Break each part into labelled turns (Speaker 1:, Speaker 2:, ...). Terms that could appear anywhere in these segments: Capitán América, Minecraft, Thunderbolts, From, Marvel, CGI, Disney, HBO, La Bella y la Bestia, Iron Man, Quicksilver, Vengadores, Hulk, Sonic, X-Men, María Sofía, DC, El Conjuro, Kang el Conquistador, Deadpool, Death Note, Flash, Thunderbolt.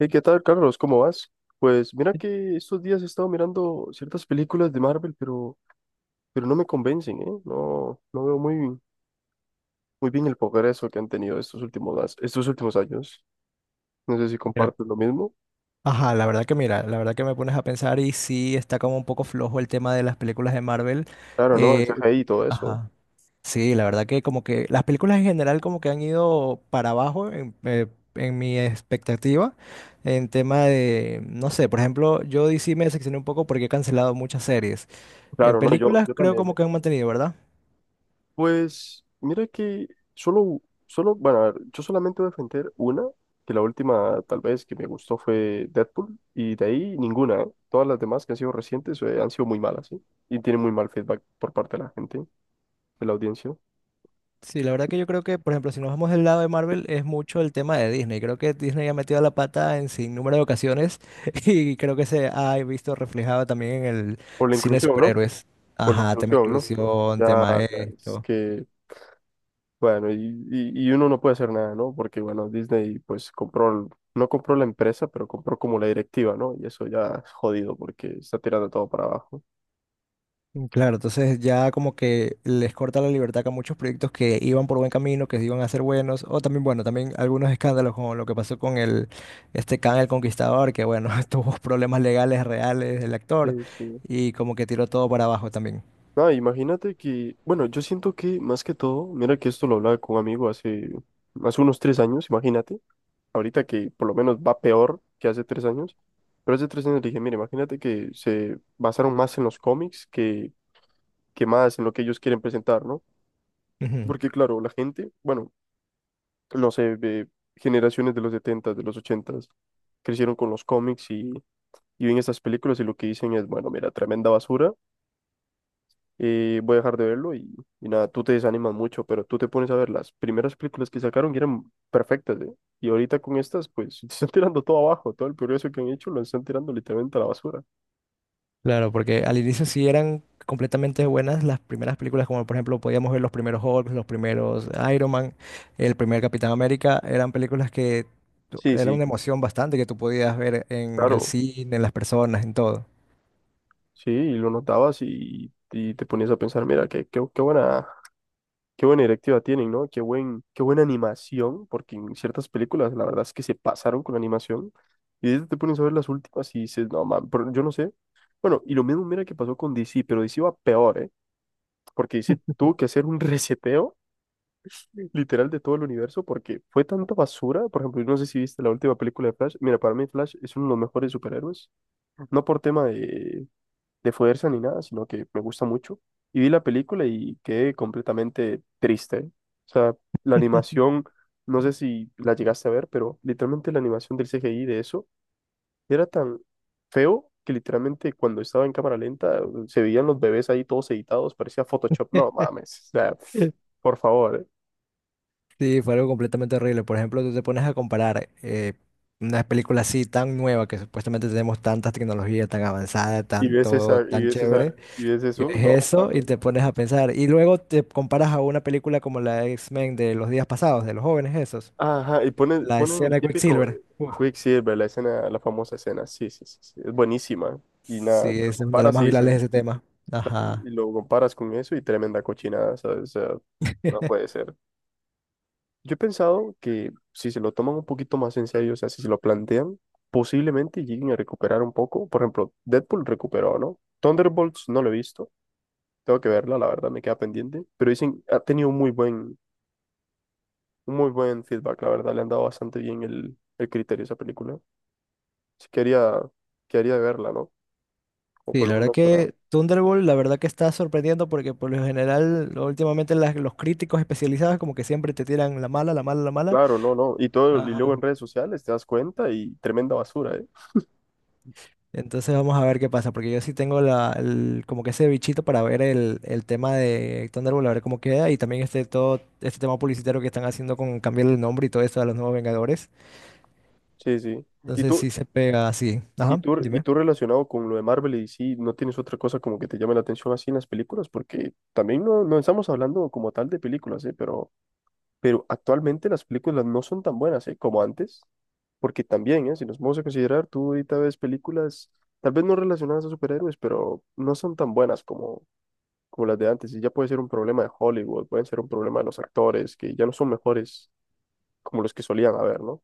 Speaker 1: Hey, ¿qué tal, Carlos? ¿Cómo vas? Pues mira que estos días he estado mirando ciertas películas de Marvel, pero no me convencen, ¿eh? No, no veo muy, muy bien el progreso que han tenido estos últimos años. No sé si
Speaker 2: Mira,
Speaker 1: compartes lo mismo.
Speaker 2: ajá, la verdad que mira, la verdad que me pones a pensar y sí está como un poco flojo el tema de las películas de Marvel.
Speaker 1: Claro, no, el
Speaker 2: Eh,
Speaker 1: CGI y todo eso.
Speaker 2: ajá, sí, la verdad que como que las películas en general como que han ido para abajo en mi expectativa en tema de, no sé, por ejemplo, yo DC me decepcioné un poco porque he cancelado muchas series. En
Speaker 1: Claro, no, yo,
Speaker 2: películas
Speaker 1: yo
Speaker 2: creo
Speaker 1: también.
Speaker 2: como que han mantenido, ¿verdad?
Speaker 1: Pues mira que solo, solo, bueno, a ver, yo solamente voy a defender una, que la última tal vez que me gustó fue Deadpool, y de ahí ninguna, ¿eh? Todas las demás que han sido recientes han sido muy malas, ¿sí? Y tienen muy mal feedback por parte de la gente, de la audiencia.
Speaker 2: Sí, la verdad que yo creo que, por ejemplo, si nos vamos del lado de Marvel, es mucho el tema de Disney. Creo que Disney ha metido la pata en sin número de ocasiones y creo que se ha visto reflejado también en el
Speaker 1: Por la
Speaker 2: cine de
Speaker 1: inclusión, ¿no?
Speaker 2: superhéroes.
Speaker 1: Por la
Speaker 2: Ajá, tema
Speaker 1: inclusión, ¿no?
Speaker 2: inclusión,
Speaker 1: Ya,
Speaker 2: tema
Speaker 1: ya, es
Speaker 2: esto.
Speaker 1: que, bueno, y uno no puede hacer nada, ¿no? Porque, bueno, Disney pues compró, no compró la empresa, pero compró como la directiva, ¿no? Y eso ya es jodido porque está tirando todo para abajo.
Speaker 2: Mm, claro, entonces ya como que les corta la libertad que a muchos proyectos que iban por buen camino, que iban a ser buenos, o también, bueno, también algunos escándalos como lo que pasó con este Kang el Conquistador, que bueno, tuvo problemas legales reales del actor
Speaker 1: Sí, sí.
Speaker 2: y como que tiró todo para abajo también.
Speaker 1: Ah, imagínate que, bueno, yo siento que más que todo, mira que esto lo hablaba con un amigo hace unos 3 años, imagínate, ahorita que por lo menos va peor que hace 3 años, pero hace 3 años le dije, mira, imagínate que se basaron más en los cómics que más en lo que ellos quieren presentar, ¿no?
Speaker 2: Ujú.
Speaker 1: Porque claro, la gente, bueno, no sé, de generaciones de los 70, de los 80, crecieron con los cómics y ven estas películas y lo que dicen es, bueno, mira, tremenda basura y voy a dejar de verlo y nada, tú te desanimas mucho, pero tú te pones a ver las primeras películas que sacaron que eran perfectas, ¿eh? Y ahorita con estas, pues te están tirando todo abajo, todo el progreso que han hecho lo están tirando literalmente a la basura.
Speaker 2: Claro, porque al inicio sí eran completamente buenas las primeras películas, como por ejemplo podíamos ver los primeros Hulk, los primeros Iron Man, el primer Capitán América, eran películas que
Speaker 1: Sí,
Speaker 2: era
Speaker 1: sí.
Speaker 2: una emoción bastante que tú podías ver en el
Speaker 1: Claro,
Speaker 2: cine, en las personas, en todo.
Speaker 1: sí, y lo notabas y te ponías a pensar, mira, qué buena directiva tienen, ¿no? Qué buena animación, porque en ciertas películas la verdad es que se pasaron con la animación. Y ahorita te pones a ver las últimas y dices, no, man, pero yo no sé. Bueno, y lo mismo mira que pasó con DC, pero DC va peor, ¿eh? Porque tuvo que hacer un reseteo literal de todo el universo, porque fue tanta basura. Por ejemplo, yo no sé si viste la última película de Flash. Mira, para mí Flash es uno de los mejores superhéroes, no por tema de fuerza ni nada, sino que me gusta mucho. Y vi la película y quedé completamente triste. O sea, la animación, no sé si la llegaste a ver, pero literalmente la animación del CGI de eso era tan feo que literalmente cuando estaba en cámara lenta se veían los bebés ahí todos editados, parecía Photoshop. No mames, o sea, pf,
Speaker 2: Mm.
Speaker 1: por favor, ¿eh?
Speaker 2: Sí, fue algo completamente horrible. Por ejemplo, tú te pones a comparar una película así tan nueva que supuestamente tenemos tanta tecnología tan avanzada,
Speaker 1: Y
Speaker 2: tan
Speaker 1: ves
Speaker 2: todo,
Speaker 1: esa, y
Speaker 2: tan
Speaker 1: ves esa,
Speaker 2: chévere.
Speaker 1: y ves
Speaker 2: Y ves
Speaker 1: eso, no
Speaker 2: eso y
Speaker 1: mames.
Speaker 2: te pones a pensar. Y luego te comparas a una película como la de X-Men de los días pasados, de los jóvenes esos.
Speaker 1: Ajá, y ponen,
Speaker 2: La
Speaker 1: ponen el
Speaker 2: escena de
Speaker 1: típico
Speaker 2: Quicksilver. Uf,
Speaker 1: Quicksilver, la escena, la famosa escena. Sí, sí, sí, sí, es buenísima. Y
Speaker 2: sí,
Speaker 1: nada, te
Speaker 2: esa
Speaker 1: lo
Speaker 2: es una de las
Speaker 1: comparas
Speaker 2: más virales de ese tema. Ajá.
Speaker 1: y lo comparas con eso y tremenda cochinada, ¿sabes? O sea, no puede ser. Yo he pensado que si se lo toman un poquito más en serio, o sea, si se lo plantean, posiblemente lleguen a recuperar un poco. Por ejemplo, Deadpool recuperó, ¿no? Thunderbolts no lo he visto, tengo que verla, la verdad me queda pendiente, pero dicen, ha tenido un muy buen feedback, la verdad, le han dado bastante bien el criterio a esa película. Así que haría de verla, ¿no? O
Speaker 2: Sí,
Speaker 1: por lo
Speaker 2: la verdad
Speaker 1: menos para...
Speaker 2: que Thunderbolt, la verdad que está sorprendiendo porque por lo general, últimamente los críticos especializados como que siempre te tiran la mala, la mala, la mala.
Speaker 1: Claro, no, no. Y todo, y luego
Speaker 2: Ajá.
Speaker 1: en redes sociales te das cuenta y tremenda basura, ¿eh?
Speaker 2: Entonces vamos a ver qué pasa, porque yo sí tengo como que ese bichito para ver el tema de Thunderbolt, a ver cómo queda, y también este todo este tema publicitario que están haciendo con cambiar el nombre y todo esto de los nuevos Vengadores.
Speaker 1: Sí, sí. ¿Y
Speaker 2: Entonces
Speaker 1: tú,
Speaker 2: sí se pega así.
Speaker 1: y
Speaker 2: Ajá,
Speaker 1: tú, y
Speaker 2: dime.
Speaker 1: tú relacionado con lo de Marvel y sí, no tienes otra cosa como que te llame la atención así en las películas? Porque también no, no estamos hablando como tal de películas, ¿eh? Pero actualmente las películas no son tan buenas, ¿eh? Como antes. Porque también, ¿eh? Si nos vamos a considerar, tú ahorita ves películas, tal vez no relacionadas a superhéroes, pero no son tan buenas como las de antes, y ya puede ser un problema de Hollywood, pueden ser un problema de los actores, que ya no son mejores como los que solían haber, ¿no?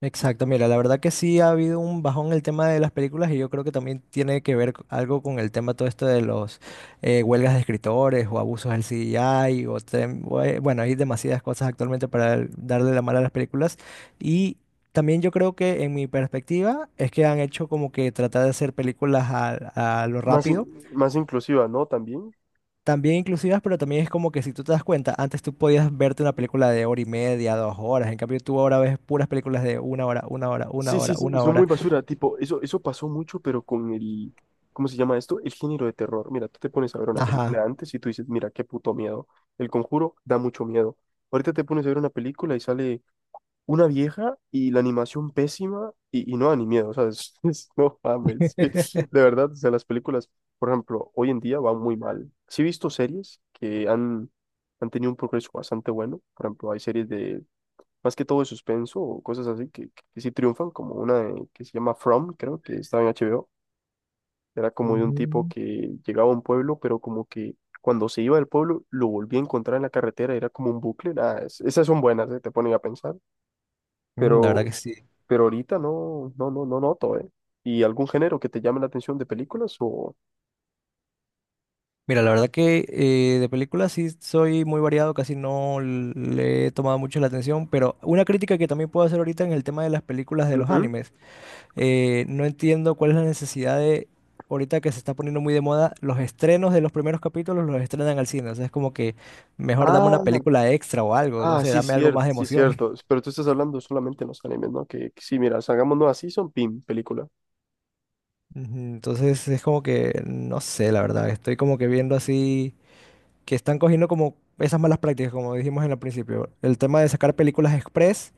Speaker 2: Exacto, mira, la verdad que sí ha habido un bajón en el tema de las películas y yo creo que también tiene que ver algo con el tema todo esto de los huelgas de escritores o abusos del CGI o bueno, hay demasiadas cosas actualmente para darle la mala a las películas y también yo creo que en mi perspectiva es que han hecho como que tratar de hacer películas a lo
Speaker 1: Más,
Speaker 2: rápido.
Speaker 1: in- más inclusiva, ¿no? También.
Speaker 2: También inclusivas, pero también es como que si tú te das cuenta, antes tú podías verte una película de hora y media, dos horas, en cambio tú ahora ves puras películas de una hora, una hora, una
Speaker 1: Sí,
Speaker 2: hora,
Speaker 1: sí, sí, y
Speaker 2: una
Speaker 1: son
Speaker 2: hora.
Speaker 1: muy basura, tipo, eso pasó mucho, pero con el, ¿cómo se llama esto? El género de terror. Mira, tú te pones a ver una
Speaker 2: Ajá.
Speaker 1: película antes y tú dices, mira, qué puto miedo. El Conjuro da mucho miedo. Ahorita te pones a ver una película y sale una vieja y la animación pésima y no da ni miedo, o sea, no mames, que de verdad, o sea, las películas, por ejemplo, hoy en día van muy mal. Sí he visto series que han tenido un progreso bastante bueno, por ejemplo, hay series de, más que todo de suspenso o cosas así que sí triunfan, como una que se llama From, creo que estaba en HBO, era como de un tipo
Speaker 2: Mm,
Speaker 1: que llegaba a un pueblo, pero como que... Cuando se iba del pueblo, lo volvía a encontrar en la carretera, era como un bucle. Nada, esas son buenas, te ponen a pensar.
Speaker 2: mm. La verdad
Speaker 1: Pero
Speaker 2: que sí.
Speaker 1: pero ahorita no, no, no, no noto, ¿eh? ¿Y algún género que te llame la atención de películas o...?
Speaker 2: Mira, la verdad que de películas sí soy muy variado, casi no le he tomado mucho la atención, pero una crítica que también puedo hacer ahorita en el tema de las películas de los
Speaker 1: Ujú.
Speaker 2: animes. No entiendo cuál es la necesidad de, ahorita que se está poniendo muy de moda, los estrenos de los primeros capítulos los estrenan al cine. O sea, es como que mejor dame una
Speaker 1: Ah,
Speaker 2: película extra o algo, no
Speaker 1: ah,
Speaker 2: sé,
Speaker 1: sí,
Speaker 2: dame algo
Speaker 1: cierto,
Speaker 2: más de
Speaker 1: sí,
Speaker 2: emoción.
Speaker 1: cierto. Pero tú estás hablando solamente en los animes, ¿no? Que sí, mira, hagamos nueva season, pim, película.
Speaker 2: Ujú, entonces es como que, no sé, la verdad, estoy como que viendo así, que están cogiendo como esas malas prácticas, como dijimos en el principio. El tema de sacar películas express,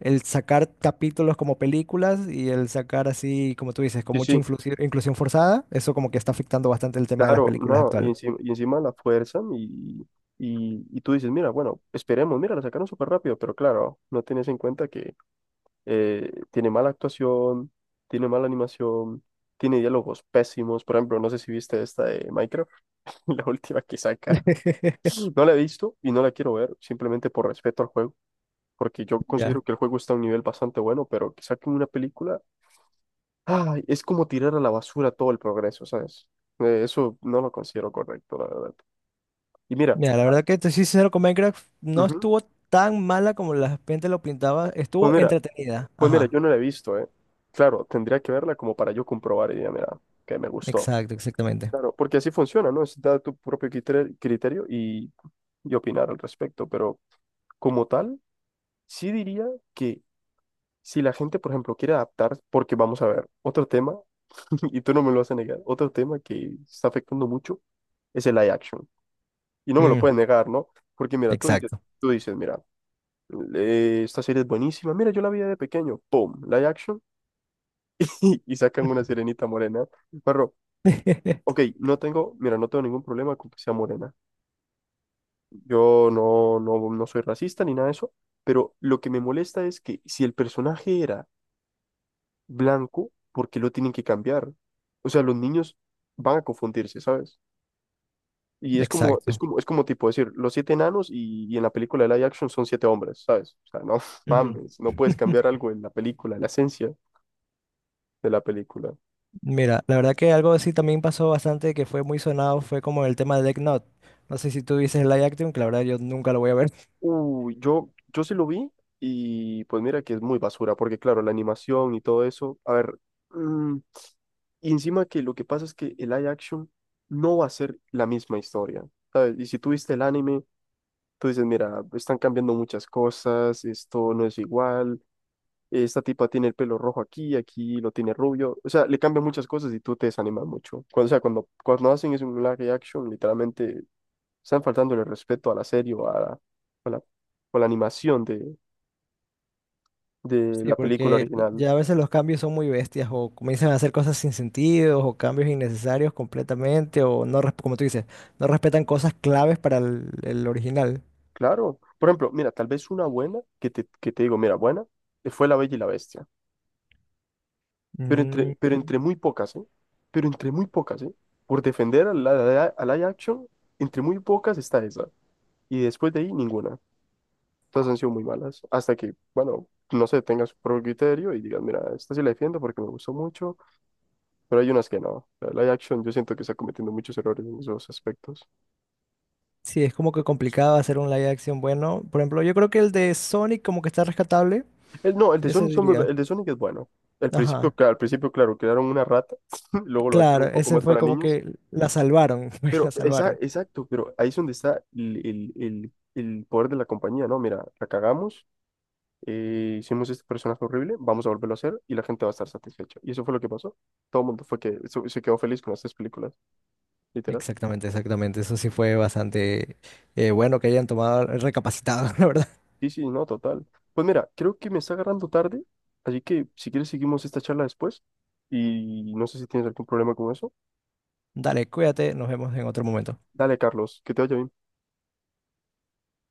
Speaker 2: el sacar capítulos como películas y el sacar así, como tú dices, con
Speaker 1: Sí,
Speaker 2: mucha
Speaker 1: sí,
Speaker 2: inclusión forzada, eso como que está afectando bastante el tema de las
Speaker 1: claro,
Speaker 2: películas
Speaker 1: no, y
Speaker 2: actual.
Speaker 1: encima, y encima la fuerzan y tú dices, mira, bueno, esperemos, mira, la sacaron súper rápido, pero claro, no tienes en cuenta que tiene mala actuación, tiene mala animación, tiene diálogos pésimos. Por ejemplo, no sé si viste esta de Minecraft. La última que sacaron. No la he visto y no la quiero ver, simplemente por respeto al juego, porque yo considero
Speaker 2: Ya.
Speaker 1: que el juego está a un nivel bastante bueno, pero que saquen una película, ay, es como tirar a la basura todo el progreso, ¿sabes? Eso no lo considero correcto, la verdad. Y mira,
Speaker 2: Mira, la verdad que te soy sincero con Minecraft, no
Speaker 1: ujú,
Speaker 2: estuvo tan mala como la gente lo pintaba,
Speaker 1: pues
Speaker 2: estuvo
Speaker 1: mira,
Speaker 2: entretenida.
Speaker 1: pues mira,
Speaker 2: Ajá,
Speaker 1: yo no la he visto, ¿eh? Claro, tendría que verla como para yo comprobar y diría, mira, que me gustó.
Speaker 2: exacto, exactamente.
Speaker 1: Claro, porque así funciona, ¿no? Es dar tu propio criterio y opinar al respecto, pero como tal. Sí diría que si la gente, por ejemplo, quiere adaptar, porque vamos a ver, otro tema, y tú no me lo vas a negar, otro tema que está afectando mucho es el live action. Y no me lo
Speaker 2: Mm,
Speaker 1: puedes negar, ¿no? Porque mira, tú dices,
Speaker 2: exacto.
Speaker 1: tú dices, mira, esta serie es buenísima, mira, yo la vi de pequeño, ¡pum! Live action, y sacan una sirenita morena. Pero, ok, no tengo, mira, no tengo ningún problema con que sea morena. Yo no, no, no soy racista ni nada de eso, pero lo que me molesta es que si el personaje era blanco, ¿por qué lo tienen que cambiar? O sea, los niños van a confundirse, ¿sabes? Y es como, es
Speaker 2: Exacto.
Speaker 1: como, es como tipo decir, los siete enanos y en la película de live action son siete hombres, ¿sabes? O sea, no
Speaker 2: Ujú.
Speaker 1: mames, no puedes cambiar algo en la película, en la esencia de la película.
Speaker 2: Mira, la verdad que algo así también pasó bastante que fue muy sonado, fue como el tema de Death Note. No sé si tú dices live action, que la verdad yo nunca lo voy a ver.
Speaker 1: Uy, yo sí lo vi y pues mira que es muy basura, porque claro, la animación y todo eso, a ver, mm, y encima que lo que pasa es que el live action no va a ser la misma historia, ¿sabes? Y si tú viste el anime, tú dices, mira, están cambiando muchas cosas, esto no es igual, esta tipa tiene el pelo rojo aquí, aquí lo tiene rubio. O sea, le cambian muchas cosas y tú te desanimas mucho. Cuando, o sea, cuando hacen eso en un live action, literalmente están faltando el respeto a la serie o la, o la animación de
Speaker 2: Sí,
Speaker 1: la película
Speaker 2: porque
Speaker 1: original.
Speaker 2: ya a veces los cambios son muy bestias o comienzan a hacer cosas sin sentido o cambios innecesarios completamente o no, como tú dices, no respetan cosas claves para el original.
Speaker 1: Claro. Por ejemplo, mira, tal vez una buena que te digo, mira, buena, fue La Bella y la Bestia. Pero entre,
Speaker 2: Mm,
Speaker 1: pero entre muy pocas, ¿eh? Pero entre muy pocas, ¿eh? Por defender a la live Action, entre muy pocas está esa. Y después de ahí, ninguna. Todas han sido muy malas. Hasta que, bueno, no sé, tengas su propio criterio y digas, mira, esta sí la defiendo porque me gustó mucho, pero hay unas que no. La live Action, yo siento que está cometiendo muchos errores en esos aspectos.
Speaker 2: sí, es como que complicado hacer un live action bueno. Por ejemplo, yo creo que el de Sonic como que está rescatable,
Speaker 1: No,
Speaker 2: ese diría.
Speaker 1: El de Sonic es bueno. Al principio,
Speaker 2: Ajá,
Speaker 1: claro, al principio, claro, crearon una rata, luego lo actuaron
Speaker 2: claro,
Speaker 1: un poco
Speaker 2: ese
Speaker 1: más
Speaker 2: fue
Speaker 1: para
Speaker 2: como
Speaker 1: niños.
Speaker 2: que la salvaron, pues
Speaker 1: Pero,
Speaker 2: la
Speaker 1: esa,
Speaker 2: salvaron.
Speaker 1: exacto, pero ahí es donde está el poder de la compañía, ¿no? Mira, la cagamos, hicimos este personaje horrible, vamos a volverlo a hacer y la gente va a estar satisfecha. Y eso fue lo que pasó. Todo el mundo fue que se quedó feliz con las tres películas, literal.
Speaker 2: Exactamente, exactamente. Eso sí fue bastante bueno que hayan tomado, recapacitado, la verdad.
Speaker 1: Sí, sí, no, total. Pues mira, creo que me está agarrando tarde, así que si quieres seguimos esta charla después y no sé si tienes algún problema con eso.
Speaker 2: Dale, cuídate, nos vemos en otro momento.
Speaker 1: Dale, Carlos, que te vaya bien.